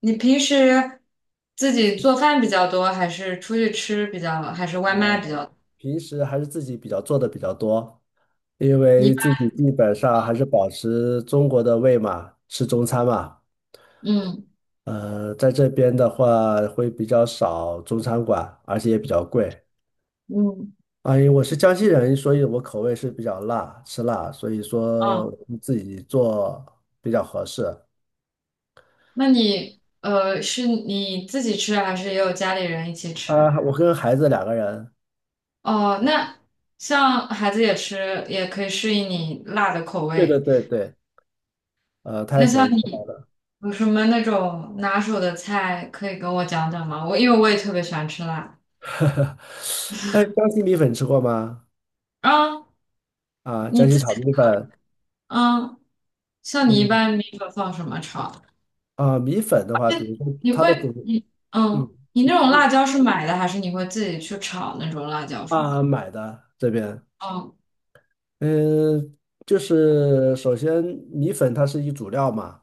你平时自己做饭比较多，还是出去吃比较，还是外卖比较多。平时还是自己比较做的比较多，因你一为自般。己基本上还是保持中国的胃嘛，吃中餐嘛。嗯。在这边的话会比较少中餐馆，而且也比较贵。嗯。啊，因为我是江西人，所以我口味是比较辣，吃辣，所以说哦，我们自己做比较合适。那你是你自己吃，还是也有家里人一起吃？啊，我跟孩子两个人，哦，那像孩子也吃，也可以适应你辣的口对对味。对对，他那也喜欢像吃你辣。有什么那种拿手的菜可以跟我讲讲吗？我因为我也特别喜欢吃辣。哎，江西米粉吃过吗？啊，啊，你江自西己。炒米粉，嗯，像你一嗯。般米粉放什么炒？啊，米粉的话，比如说你它的会主，你嗯，嗯，你那它种辣的椒是买的，还是你会自己去炒那种辣椒什么的？啊买的这边，哦，嗯，就是首先米粉它是一主料嘛，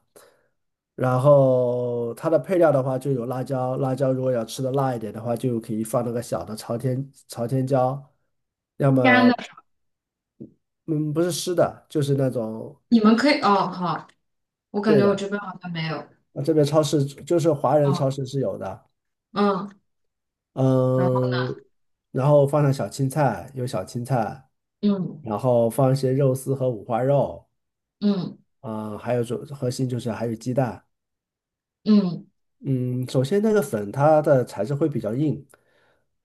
然后它的配料的话就有辣椒，辣椒如果要吃的辣一点的话，就可以放那个小的朝天椒，要干的，么嗯不是湿的，就是那种你们可以哦，好，我感对觉我的，这边好像没有。啊这边超市就是华人超哦。市是有的，嗯。然后。嗯，然后放上小青菜，有小青菜。嗯然后放一些肉丝和五花肉，嗯。啊、还有主核心就是还有鸡蛋。嗯。嗯，首先那个粉它的材质会比较硬，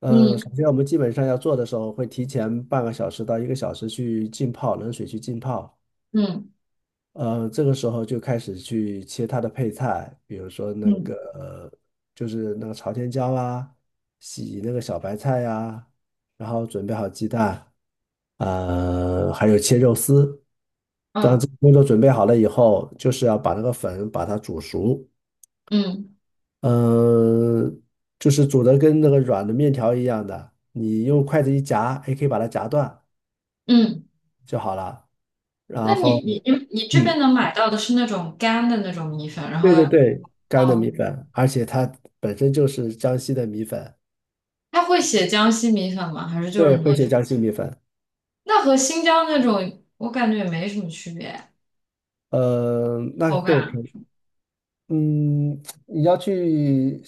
嗯、首嗯。先我们基本上要做的时候会提前半个小时到1个小时去浸泡，冷水去浸泡。嗯。呃，这个时候就开始去切它的配菜，比如说那嗯。个就是那个朝天椒啊，洗那个小白菜呀、然后准备好鸡蛋，还有切肉丝。当嗯。这个工作准备好了以后，就是要把那个粉把它煮熟，嗯。嗯，就是煮的跟那个软的面条一样的，你用筷子一夹，也可以把它夹断嗯，就好了。然那你后，你你你这嗯，边能买到的是那种干的那种米粉，然后对要对对，干的哦，米粉，而且它本身就是江西的米粉，它会写江西米粉吗？还是就是对，会米写粉？江西米粉。那和新疆那种我感觉也没什么区别，那口对，可感。嗯，你要去，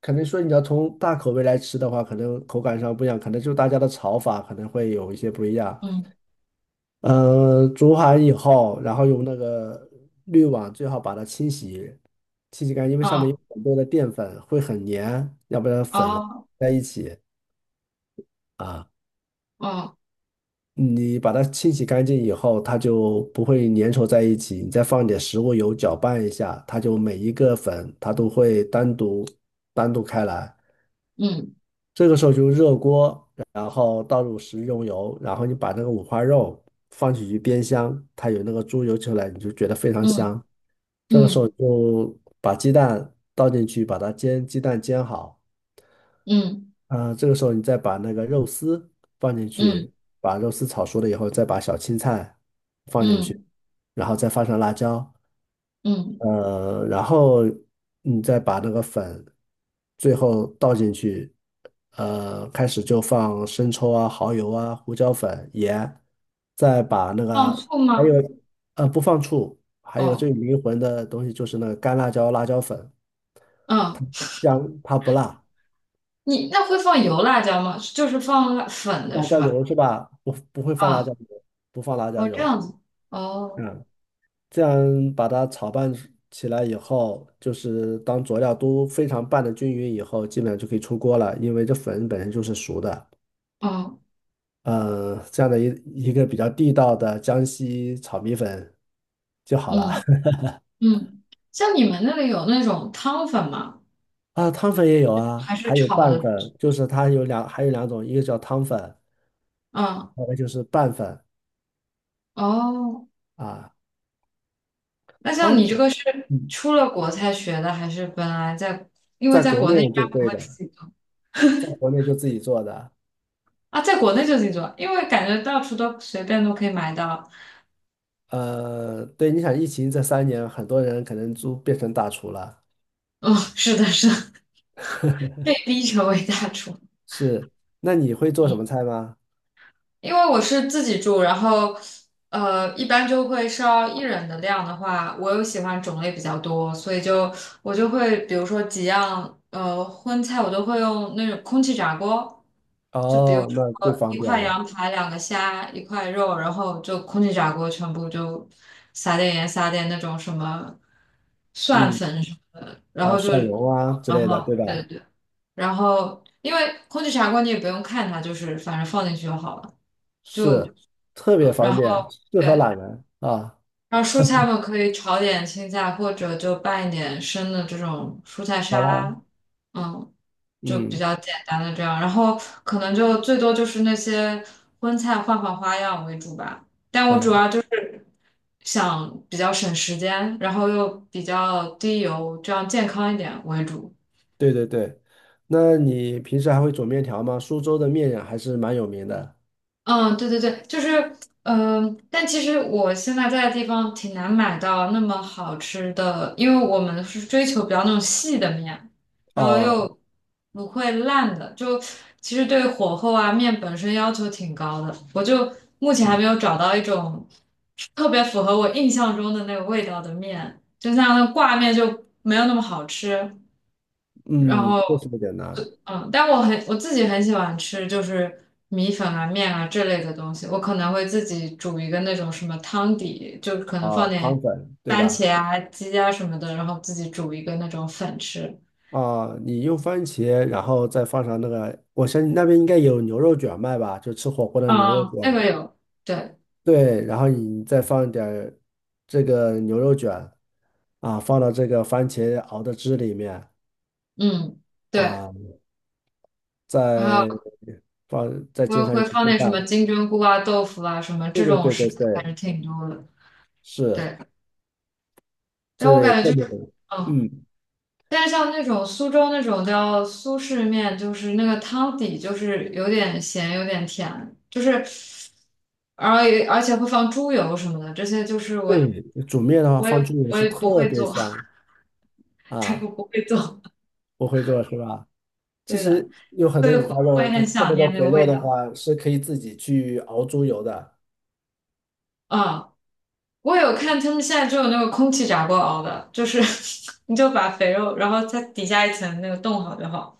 可能说你要从大口味来吃的话，可能口感上不一样，可能就大家的炒法可能会有一些不一样。嗯。嗯，煮好以后，然后用那个滤网最好把它清洗，清洗干净，因为上面有哦。很多的淀粉，会很粘，要不然粉哦。在一起啊。哦。你把它清洗干净以后，它就不会粘稠在一起。你再放点食物油搅拌一下，它就每一个粉它都会单独开来。嗯。这个时候就热锅，然后倒入食用油，然后你把那个五花肉放进去煸香，它有那个猪油出来，你就觉得非常嗯。香。这个时候嗯。就把鸡蛋倒进去，把它煎，鸡蛋煎好。嗯。啊、这个时候你再把那个肉丝放进嗯。去，把肉丝炒熟了以后，再把小青菜放进去，嗯。然后再放上辣椒。嗯。嗯。然后你再把那个粉最后倒进去，开始就放生抽啊、蚝油啊、胡椒粉、盐，再把那放个醋还吗？有不放醋，还有最哦。灵魂的东西就是那个干辣椒、辣椒粉，嗯，这样它不辣。你那会放油辣椒吗？就是放辣粉的辣是椒吧？油是吧？不不会放辣椒啊。油，不放辣椒哦这油。样子。哦。嗯。这样把它炒拌起来以后，就是当佐料都非常拌的均匀以后，基本上就可以出锅了，因为这粉本身就是熟的。哦。呃，这样的一个比较地道的江西炒米粉就好了。嗯。 嗯，像你们那里有那种汤粉吗？啊，汤粉也有啊，还是还有炒拌的？粉，就是它有两，还有两种，一个叫汤粉，嗯。还有一个就是拌粉哦，啊。那像汤你这粉，个是嗯出了国才学的，还是本来在？因为在在国国内内应该就不会会自的，己做。在国内就自己做的。啊，在国内就自己做，因为感觉到处都随便都可以买到。对，你想疫情这3年，很多人可能都变成大厨了。哦，是的，是的，被逼成为大厨。是，那你会做什么嗯，菜吗？因为我是自己住，然后一般就会烧一人的量的话，我又喜欢种类比较多，所以就我就会比如说几样荤菜，我都会用那种空气炸锅，就比如哦，说那最一方便块了。羊排、两个虾、一块肉，然后就空气炸锅全部就撒点盐、撒点那种什么蒜嗯，粉什么的，然啊，后就蒜蓉啊之类的，对对对吧？对。然后因为空气炸锅你也不用看它，就是反正放进去就好了。就是，特别方然便，后适合对，懒人啊。然后蔬菜们可以炒点青菜，或者就拌一点生的这种蔬菜好沙啦，拉，嗯，就比嗯较简单的这样。然后可能就最多就是那些荤菜换换花样为主吧。嗯，想比较省时间，然后又比较低油，这样健康一点为主。对对对。那你平时还会煮面条吗？苏州的面还是蛮有名的。嗯，对对对，就是，嗯、但其实我现在在的地方挺难买到那么好吃的，因为我们是追求比较那种细的面，然后哦，又不会烂的，就其实对火候啊、面本身要求挺高的，我就目前还嗯没有找到一种特别符合我印象中的那个味道的面，就像那挂面就没有那么好吃，然嗯，这后。是不简单嗯，但我自己很喜欢吃，就是米粉啊、面啊这类的东西。我可能会自己煮一个那种什么汤底，就可能放啊，点汤粉对番吧？茄啊、鸡啊什么的，然后自己煮一个那种粉吃。啊，你用番茄，然后再放上那个，我相信那边应该有牛肉卷卖吧，就吃火锅的牛肉卷。嗯，那个有，对。对，然后你再放一点儿这个牛肉卷啊，放到这个番茄熬的汁里面嗯，对，啊，然再后放再会煎上一会个放鸡点什么蛋。金针菇啊、豆腐啊什么对这对种对食对材还对，是挺多的。是，对，但这我个也感特觉就别，是，嗯。嗯，但像那种苏州那种叫苏式面，就是那个汤底就是有点咸，有点甜，就是而而且会放猪油什么的，这些就是我对，煮面的话我放也猪油我是也不特会别做，香 对，我啊，不会做，我会做是吧？其对的，实有很所多以五会花肉，会它很特想别念多那肥个肉味的道。话是可以自己去熬猪油的。啊，我有看他们现在就有那个空气炸锅熬的，就是 你就把肥肉，然后它底下一层那个冻好就好。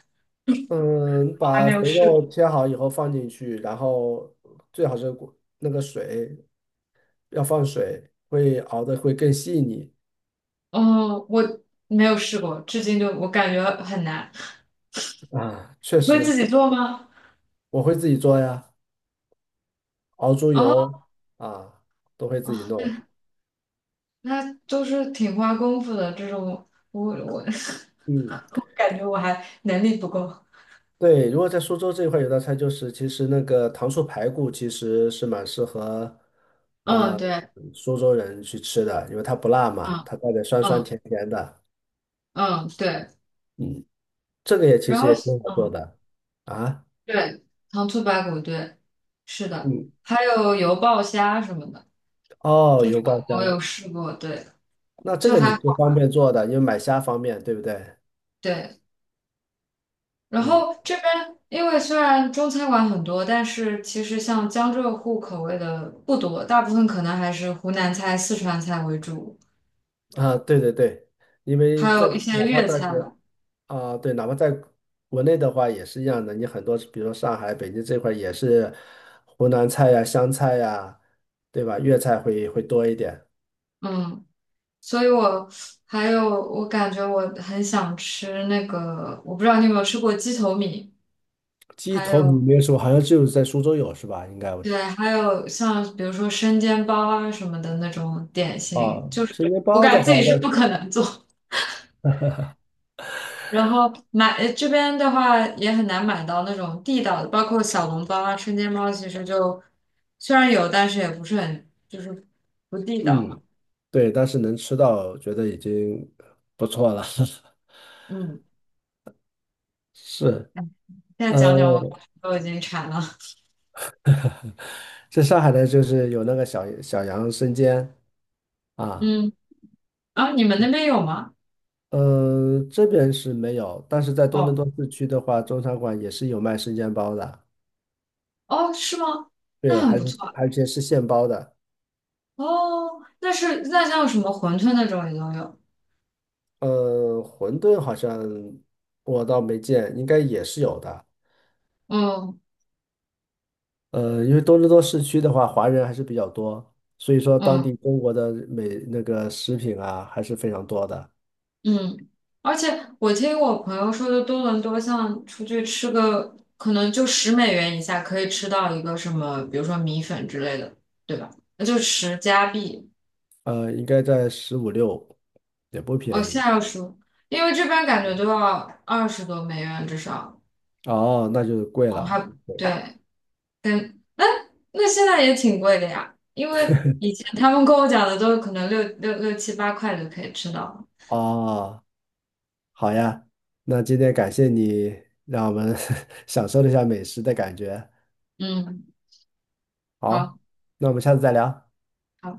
嗯，我还把没有肥试肉切好以后放进去，然后最好是过那个水要放水，会熬的会更细腻过，哦，我没有试过，至今就我感觉很难。啊。确会自实，己做吗？我会自己做呀，熬猪油哦，啊，都会自己弄。那都是挺花功夫的这种，我 嗯，我感觉我还能力不够。对，如果在苏州这一块有道菜，就是其实那个糖醋排骨其实是蛮适合嗯，呃对。苏州人去吃的，因为它不辣嘛，嗯。它带点酸酸嗯。甜甜的。嗯，对，嗯，这个也其然实后也挺好做嗯的啊。对，糖醋排骨，对，是的，嗯。还有油爆虾什么的，哦，这油种爆虾，我有试过，对，那这就个你还是好，方便做的，因为买虾方便，对不对？对。然嗯，后这边因为虽然中餐馆很多，但是其实像江浙沪口味的不多，大部分可能还是湖南菜、四川菜为主，啊，对对对，因为还在有一些哪怕粤在菜国吧。啊，对，哪怕在国内的话也是一样的，你很多比如说上海、北京这块儿也是湖南菜呀、湘菜呀，对吧？粤菜会多一点。嗯，所以我还有我感觉我很想吃那个，我不知道你有没有吃过鸡头米，鸡还头米有没有说，好像只有在苏州有是吧？应该我对，还有像比如说生煎包啊什么的那种点心，啊，就是生煎我包感的觉话，自己是但不可能做。然后买这边的话也很难买到那种地道的，包括小笼包啊、生煎包，其实就虽然有，但是也不是很就是不地道嘛。嗯，对，但是能吃到，觉得已经不错了。嗯，是，现在呃，讲讲我都已经馋了。在上海的就是有那个小小羊生煎啊，嗯。啊，你们那边有吗？这边是没有，但是在多伦哦。多市区的话，中餐馆也是有卖生煎包的，哦，是吗？那对，很还不是错啊。而且是现包的。哦，那是那像什么馄饨那种也都有。馄饨好像我倒没见，应该也是有的。嗯。因为多伦多市区的话，华人还是比较多，所以说当嗯。地中国的美那个食品啊还是非常多的。嗯，而且我听我朋友说的，多伦多像出去吃个，可能就10美元以下可以吃到一个什么，比如说米粉之类的，对吧？那就10加币。应该在15、16，也不哦，便现宜。在要十，因为这边感觉都要20多美元至少。哦，那就贵哦，了。还对。嗯，那现在也挺贵的呀，因为以前他们跟我讲的都可能六六六七八块就可以吃到了。哦，好呀，那今天感谢你，让我们 享受了一下美食的感觉。嗯，好，好。那我们下次再聊。好。